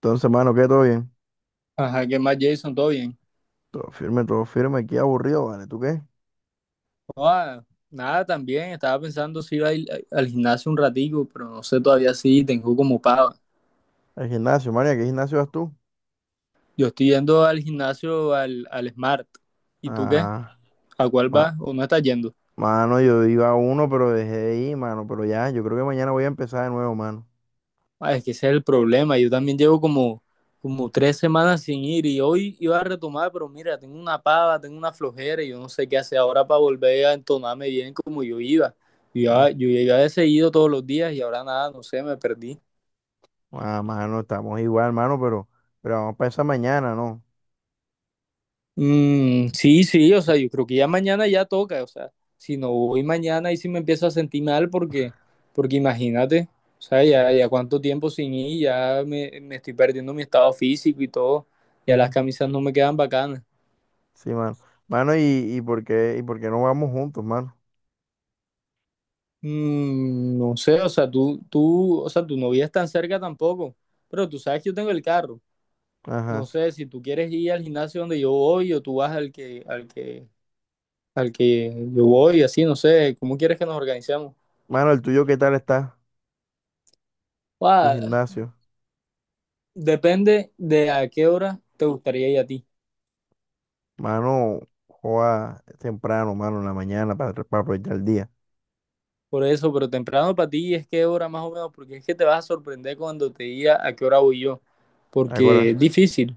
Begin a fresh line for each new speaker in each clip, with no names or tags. Entonces, mano, ¿qué? ¿Todo bien?
Ajá, ¿qué más, Jason? ¿Todo bien?
Todo firme, todo firme. Aquí aburrido, ¿vale? ¿Tú qué?
Ah, nada, también estaba pensando si iba a ir al gimnasio un ratico, pero no sé todavía si tengo como pago.
Al gimnasio, María, ¿qué gimnasio vas tú?
Yo estoy yendo al gimnasio al Smart. ¿Y tú qué?
Ah,
¿A cuál
ma-
vas o no estás yendo?
mano, yo iba a uno, pero dejé de ir, mano. Pero ya, yo creo que mañana voy a empezar de nuevo, mano.
Ah, es que ese es el problema. Yo también llevo como tres semanas sin ir y hoy iba a retomar, pero mira, tengo una pava, tengo una flojera y yo no sé qué hacer ahora para volver a entonarme bien como yo iba. Yo,
Mm.
iba- yo iba he seguido todos los días y ahora nada, no sé, me perdí.
Ah, mano, estamos igual, mano, pero vamos para esa mañana, ¿no?
Sí, sí, o sea, yo creo que ya mañana ya toca, o sea, si no voy mañana y si me empiezo a sentir mal porque imagínate, o sea, ya cuánto tiempo sin ir, me estoy perdiendo mi estado físico y todo, ya las camisas no me quedan bacanas.
Sí, mano. Mano, ¿y por qué, y por qué no vamos juntos, mano?
No sé, o sea, tú, o sea, tu novia es tan cerca tampoco, pero tú sabes que yo tengo el carro, no
Ajá.
sé, si tú quieres ir al gimnasio donde yo voy o tú vas al que yo voy, así, no sé, ¿cómo quieres que nos organicemos?
Mano, ¿el tuyo qué tal está? Tu
Guau,
gimnasio.
depende de a qué hora te gustaría ir a ti.
Mano, joda temprano, mano, en la mañana para aprovechar el día.
Por eso, pero temprano para ti es qué hora más o menos, porque es que te vas a sorprender cuando te diga a qué hora voy yo, porque es
Ahora.
difícil.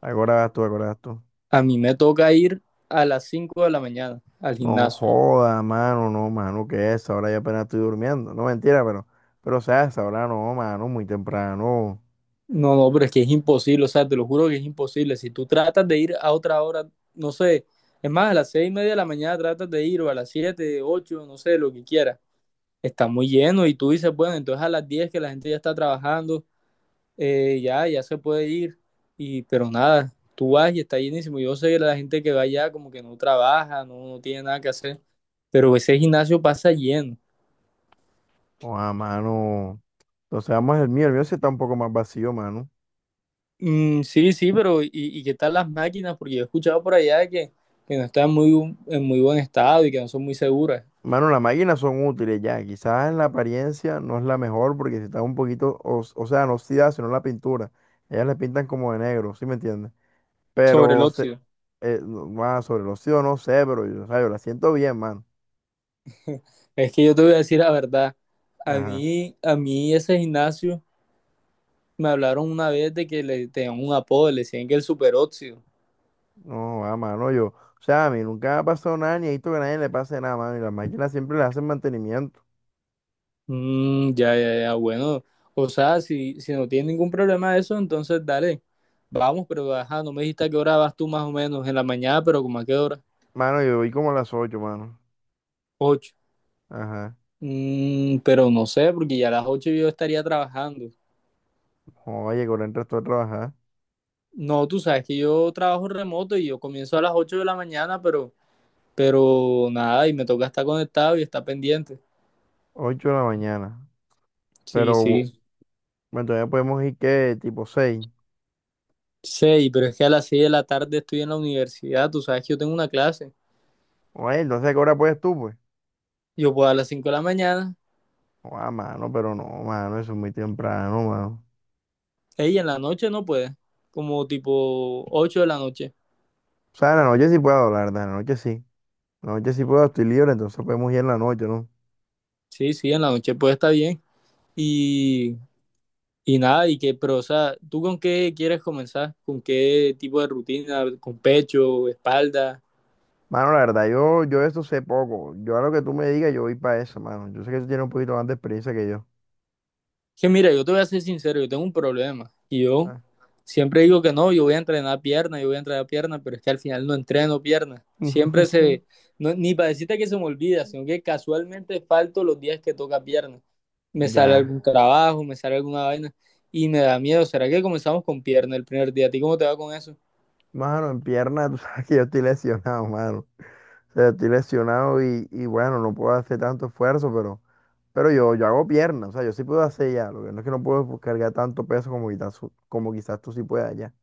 Acordás tú, acordás tú.
A mí me toca ir a las 5 de la mañana al
No
gimnasio.
joda, mano, no, mano, ¿qué es? Ahora ya apenas estoy durmiendo. No, mentira, pero, o sea, a no, mano, muy temprano.
No, no, pero es que es imposible, o sea, te lo juro que es imposible. Si tú tratas de ir a otra hora, no sé, es más, a las 6 y media de la mañana tratas de ir, o a las 7, 8, no sé, lo que quieras. Está muy lleno y tú dices, bueno, entonces a las 10 que la gente ya está trabajando, ya se puede ir, y, pero nada, tú vas y está llenísimo. Yo sé que la gente que va allá como que no trabaja, no tiene nada que hacer, pero ese gimnasio pasa lleno.
O a mano. Entonces, vamos el mío sí está un poco más vacío, mano.
Sí, sí, pero y qué tal las máquinas? Porque yo he escuchado por allá que no están en muy buen estado y que no son muy seguras
Mano, las máquinas son útiles ya. Quizás en la apariencia no es la mejor porque si está un poquito, o sea, no oxidada, sino la pintura. Ellas le pintan como de negro, ¿sí me entiendes?
sobre el
Pero, se,
óxido.
no, ah, sobre el óxido no sé, pero yo, o sea, yo la siento bien, mano.
Es que yo te voy a decir la verdad,
Ajá.
a mí ese gimnasio me hablaron una vez de que le tenían un apodo, le decían que el superóxido.
No, ah, mano, yo. O sea, a mí nunca me ha pasado nada, ni he visto que a nadie le pase nada, mano. Y las máquinas siempre le hacen mantenimiento.
Mm, ya, ya, ya, bueno. O sea, si no tienes ningún problema de eso, entonces dale, vamos, pero ajá, no me dijiste a qué hora vas tú más o menos, en la mañana, pero como a qué hora,
Mano, yo voy como a las 8 mano.
ocho.
Ajá.
Pero no sé, porque ya a las ocho yo estaría trabajando.
Oye, con el resto a trabajar.
No, tú sabes que yo trabajo remoto y yo comienzo a las ocho de la mañana, pero, nada, y me toca estar conectado y estar pendiente.
Ocho de la mañana.
Sí,
Pero,
sí.
bueno, todavía podemos ir que tipo seis.
Sí, pero es que a las seis de la tarde estoy en la universidad, tú sabes que yo tengo una clase.
Oye, entonces, ¿a qué hora puedes tú, pues?
Yo puedo a las cinco de la mañana.
Oh, ah, mano, pero no, mano, eso es muy temprano, mano.
Ey, en la noche no puede, como tipo 8 de la noche.
O sea, en la noche sí puedo, la verdad, en la noche sí. En la noche sí puedo, estoy libre, entonces podemos ir en la noche, ¿no?
Sí, sí, en la noche puede estar bien. Y, y nada, y que, pero, o sea, ¿tú con qué quieres comenzar? ¿Con qué tipo de rutina? ¿Con pecho, espalda?
Mano, la verdad, yo de eso sé poco. Yo a lo que tú me digas, yo voy para eso, mano. Yo sé que tú tienes un poquito más de experiencia que yo.
Que mira, yo te voy a ser sincero, yo tengo un problema. Y yo
Ah,
siempre digo que no, yo voy a entrenar pierna, yo voy a entrenar pierna, pero es que al final no entreno pierna. No, ni para decirte que se me olvida, sino que casualmente falto los días que toca pierna. Me sale
ya.
algún trabajo, me sale alguna vaina y me da miedo. ¿Será que comenzamos con pierna el primer día? ¿A ti cómo te va con eso?
Mano, en pierna, tú sabes que yo estoy lesionado, mano. O sea, estoy lesionado y bueno, no puedo hacer tanto esfuerzo, pero yo hago pierna. O sea, yo sí puedo hacer ya. Lo que no es que no puedo pues, cargar tanto peso como como quizás tú sí puedas ya.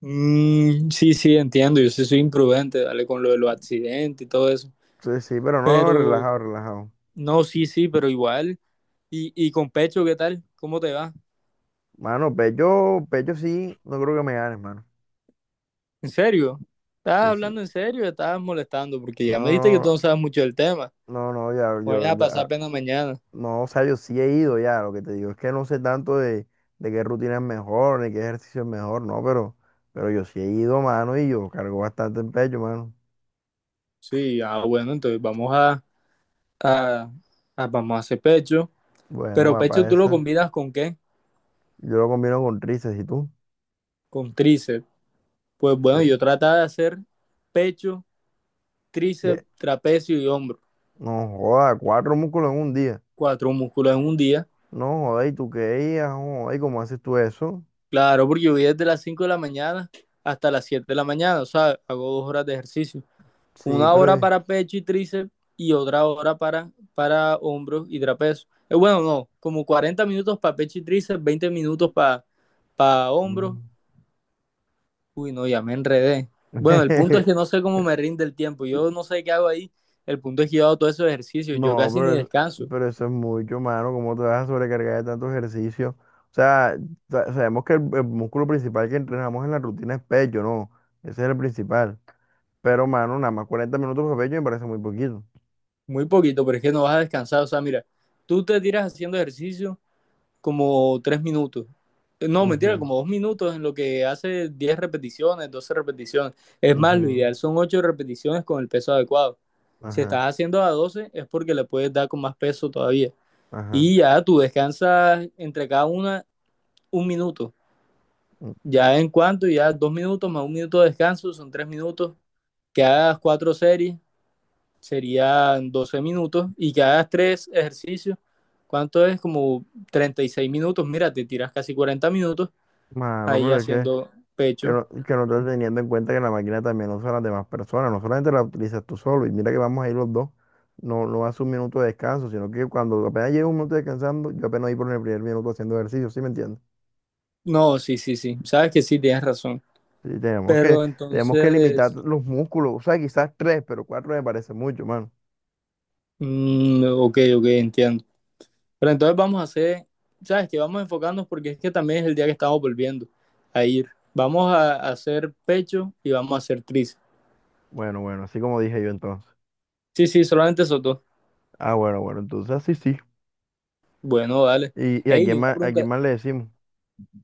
Sí, sí, entiendo. Yo sí soy imprudente, dale, con lo de los accidentes y todo eso.
Sí, sí, pero no, relajado,
Pero,
relajado.
no, sí, sí, pero igual. ¿Y con pecho qué tal? ¿Cómo te va?
Mano, pecho, pecho sí, no creo que me ganes, mano.
¿En serio? ¿Estás
Sí, sí.
hablando en serio? ¿O estás molestando? Porque ya
No,
me dijiste que tú no
no,
sabes mucho del tema.
no, ya,
Voy a pasar
yo,
pena mañana.
no, o sea, yo sí he ido ya, lo que te digo es que no sé tanto de qué rutina es mejor, ni qué ejercicio es mejor, no, pero yo sí he ido, mano, y yo cargo bastante en pecho, mano.
Sí, ah, bueno, entonces a, vamos a hacer pecho.
Bueno,
¿Pero
va
pecho
para
tú lo
esa.
combinas con qué?
Yo lo combino con tríceps, ¿y tú?
Con tríceps. Pues
Sí.
bueno, yo trataba de hacer pecho,
Y e-
tríceps, trapecio y hombro.
No joda, cuatro músculos en un día.
Cuatro músculos en un día.
No joda, ¿y tú qué? Ah, no joda, ¿y cómo haces tú eso?
Claro, porque yo voy desde las 5 de la mañana hasta las 7 de la mañana. O sea, hago dos horas de ejercicio.
Sí,
Una
pero...
hora para pecho y tríceps y otra hora para hombros y trapecio. Bueno, no, como 40 minutos para pecho y tríceps, 20 minutos para hombros.
mm.
Uy, no, ya me enredé. Bueno, el punto es que no sé cómo me rinde el tiempo. Yo no sé qué hago ahí. El punto es que yo hago todos esos ejercicios. Yo
No,
casi ni
pero,
descanso.
pero eso es mucho, mano. ¿Cómo te vas a sobrecargar de tanto ejercicio? O sea, sabemos que el músculo principal que entrenamos en la rutina es pecho, ¿no? Ese es el principal. Pero, mano, nada más 40 minutos de pecho me parece muy poquito.
Muy poquito, pero es que no vas a descansar. O sea, mira, tú te tiras haciendo ejercicio como tres minutos. No, mentira,
Ujú,
como dos minutos en lo que hace 10 repeticiones, 12 repeticiones. Es más, lo
ujú,
ideal son 8 repeticiones con el peso adecuado. Si
ajá,
estás haciendo a 12 es porque le puedes dar con más peso todavía.
ajá.
Y ya tú descansas entre cada una un minuto.
Mm.
Ya en cuanto, ya dos minutos más un minuto de descanso, son tres minutos. Que hagas cuatro series serían 12 minutos y que hagas tres ejercicios. ¿Cuánto es? Como 36 minutos. Mira, te tiras casi 40 minutos
Mano,
ahí
pero es que
haciendo
Que
pecho.
no, que no estás teniendo en cuenta que la máquina también usa a las demás personas, no solamente la utilizas tú solo, y mira que vamos a ir los dos, no, no hace un minuto de descanso, sino que cuando apenas llevo un minuto descansando, yo apenas voy por el primer minuto haciendo ejercicio, ¿sí me entiendes?
No, sí, sí, sí. Sabes que sí, tienes razón.
Sí,
Pero
tenemos que limitar
entonces,
los músculos, o sea, quizás tres, pero cuatro me parece mucho, mano.
ok, ok, entiendo. Pero entonces vamos a hacer, ¿sabes que Vamos a enfocarnos porque es que también es el día que estamos volviendo a ir. Vamos a hacer pecho y vamos a hacer tríceps.
Bueno, bueno, así como dije yo entonces.
Sí, sí, solamente eso dos.
Ah, bueno, bueno, entonces así sí.
Bueno, dale.
Y
Ey, una
a quién
pregunta,
más le decimos?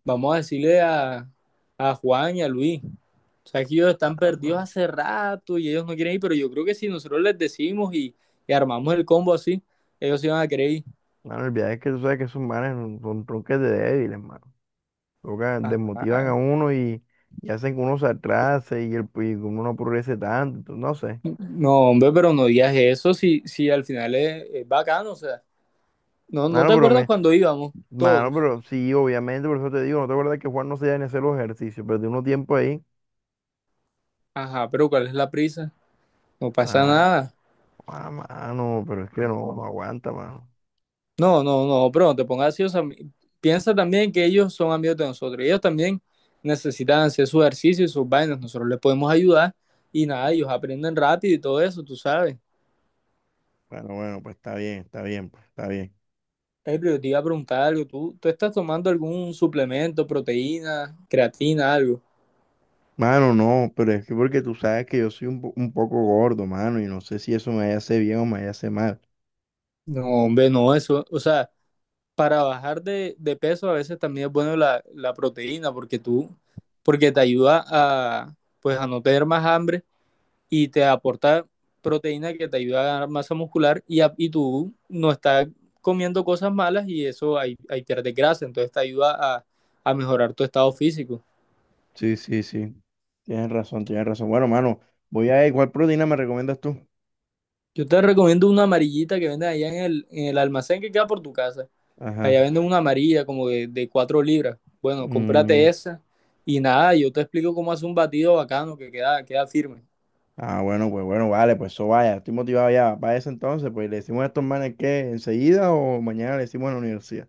vamos a decirle a Juan y a Luis. O sea, que ellos están
Ah,
perdidos
bueno,
hace rato y ellos no quieren ir, pero yo creo que si nosotros les decimos y armamos el combo así, ellos se van a querer ir.
mano, el viaje es que tú sabes que esos manes son tronques de débiles. Toca, desmotivan
Ajá.
a uno y hacen que uno se atrase y, el, y que uno no progrese tanto, entonces, no sé.
No, hombre, pero no digas eso si al final es bacano. O sea, no, ¿no
Mano,
te
pero
acuerdas
me,
cuando íbamos
mano,
todos?
pero sí, obviamente, por eso te digo, no te acuerdas que Juan no se da ni hacer los ejercicios, pero tiene uno tiempo ahí.
Ajá, ¿pero cuál es la prisa? No pasa
Ah,
nada.
ah, mano, pero es que no, no aguanta, mano.
No, no, no, pero no te pongas así. O sea, piensa también que ellos son amigos de nosotros. Ellos también necesitan hacer su ejercicio y sus vainas. Nosotros les podemos ayudar y nada, ellos aprenden rápido y todo eso, tú sabes.
Bueno, bueno, pues está bien, pues está bien.
Ey, pero yo te iba a preguntar algo. ¿Tú estás tomando algún suplemento, proteína, creatina, algo?
Mano, no, pero es que porque tú sabes que yo soy un, un poco gordo, mano, y no sé si eso me hace bien o me hace mal.
No, hombre, no, eso. O sea, para bajar de peso a veces también es bueno la proteína porque te ayuda a, pues, a no tener más hambre. Y te aporta proteína que te ayuda a ganar masa muscular y tú no estás comiendo cosas malas y eso ahí, pierdes grasa, entonces te ayuda a mejorar tu estado físico.
Sí, sí, sí. Tienes razón, tienes razón. Bueno, mano, voy a ver cuál proteína me recomiendas tú.
Yo te recomiendo una amarillita que venden allá en el almacén que queda por tu casa.
Ajá.
Allá venden una amarilla como de 4 libras. Bueno, cómprate
Mm.
esa y nada, yo te explico cómo hacer un batido bacano que queda firme.
Ah, bueno, pues bueno, vale, pues eso vaya. Estoy motivado ya. Para eso entonces, pues le decimos a estos manes que enseguida o mañana le decimos en la universidad.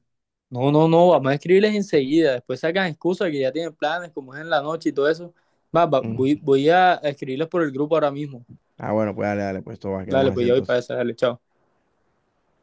No, no, no, vamos a escribirles enseguida. Después sacan excusas que ya tienen planes, como es en la noche y todo eso.
Mm.
Voy a escribirles por el grupo ahora mismo.
Ah, bueno, pues dale, dale, pues todo va, quedamos
Dale,
así
pues ya voy para
entonces.
esa, dale, chao.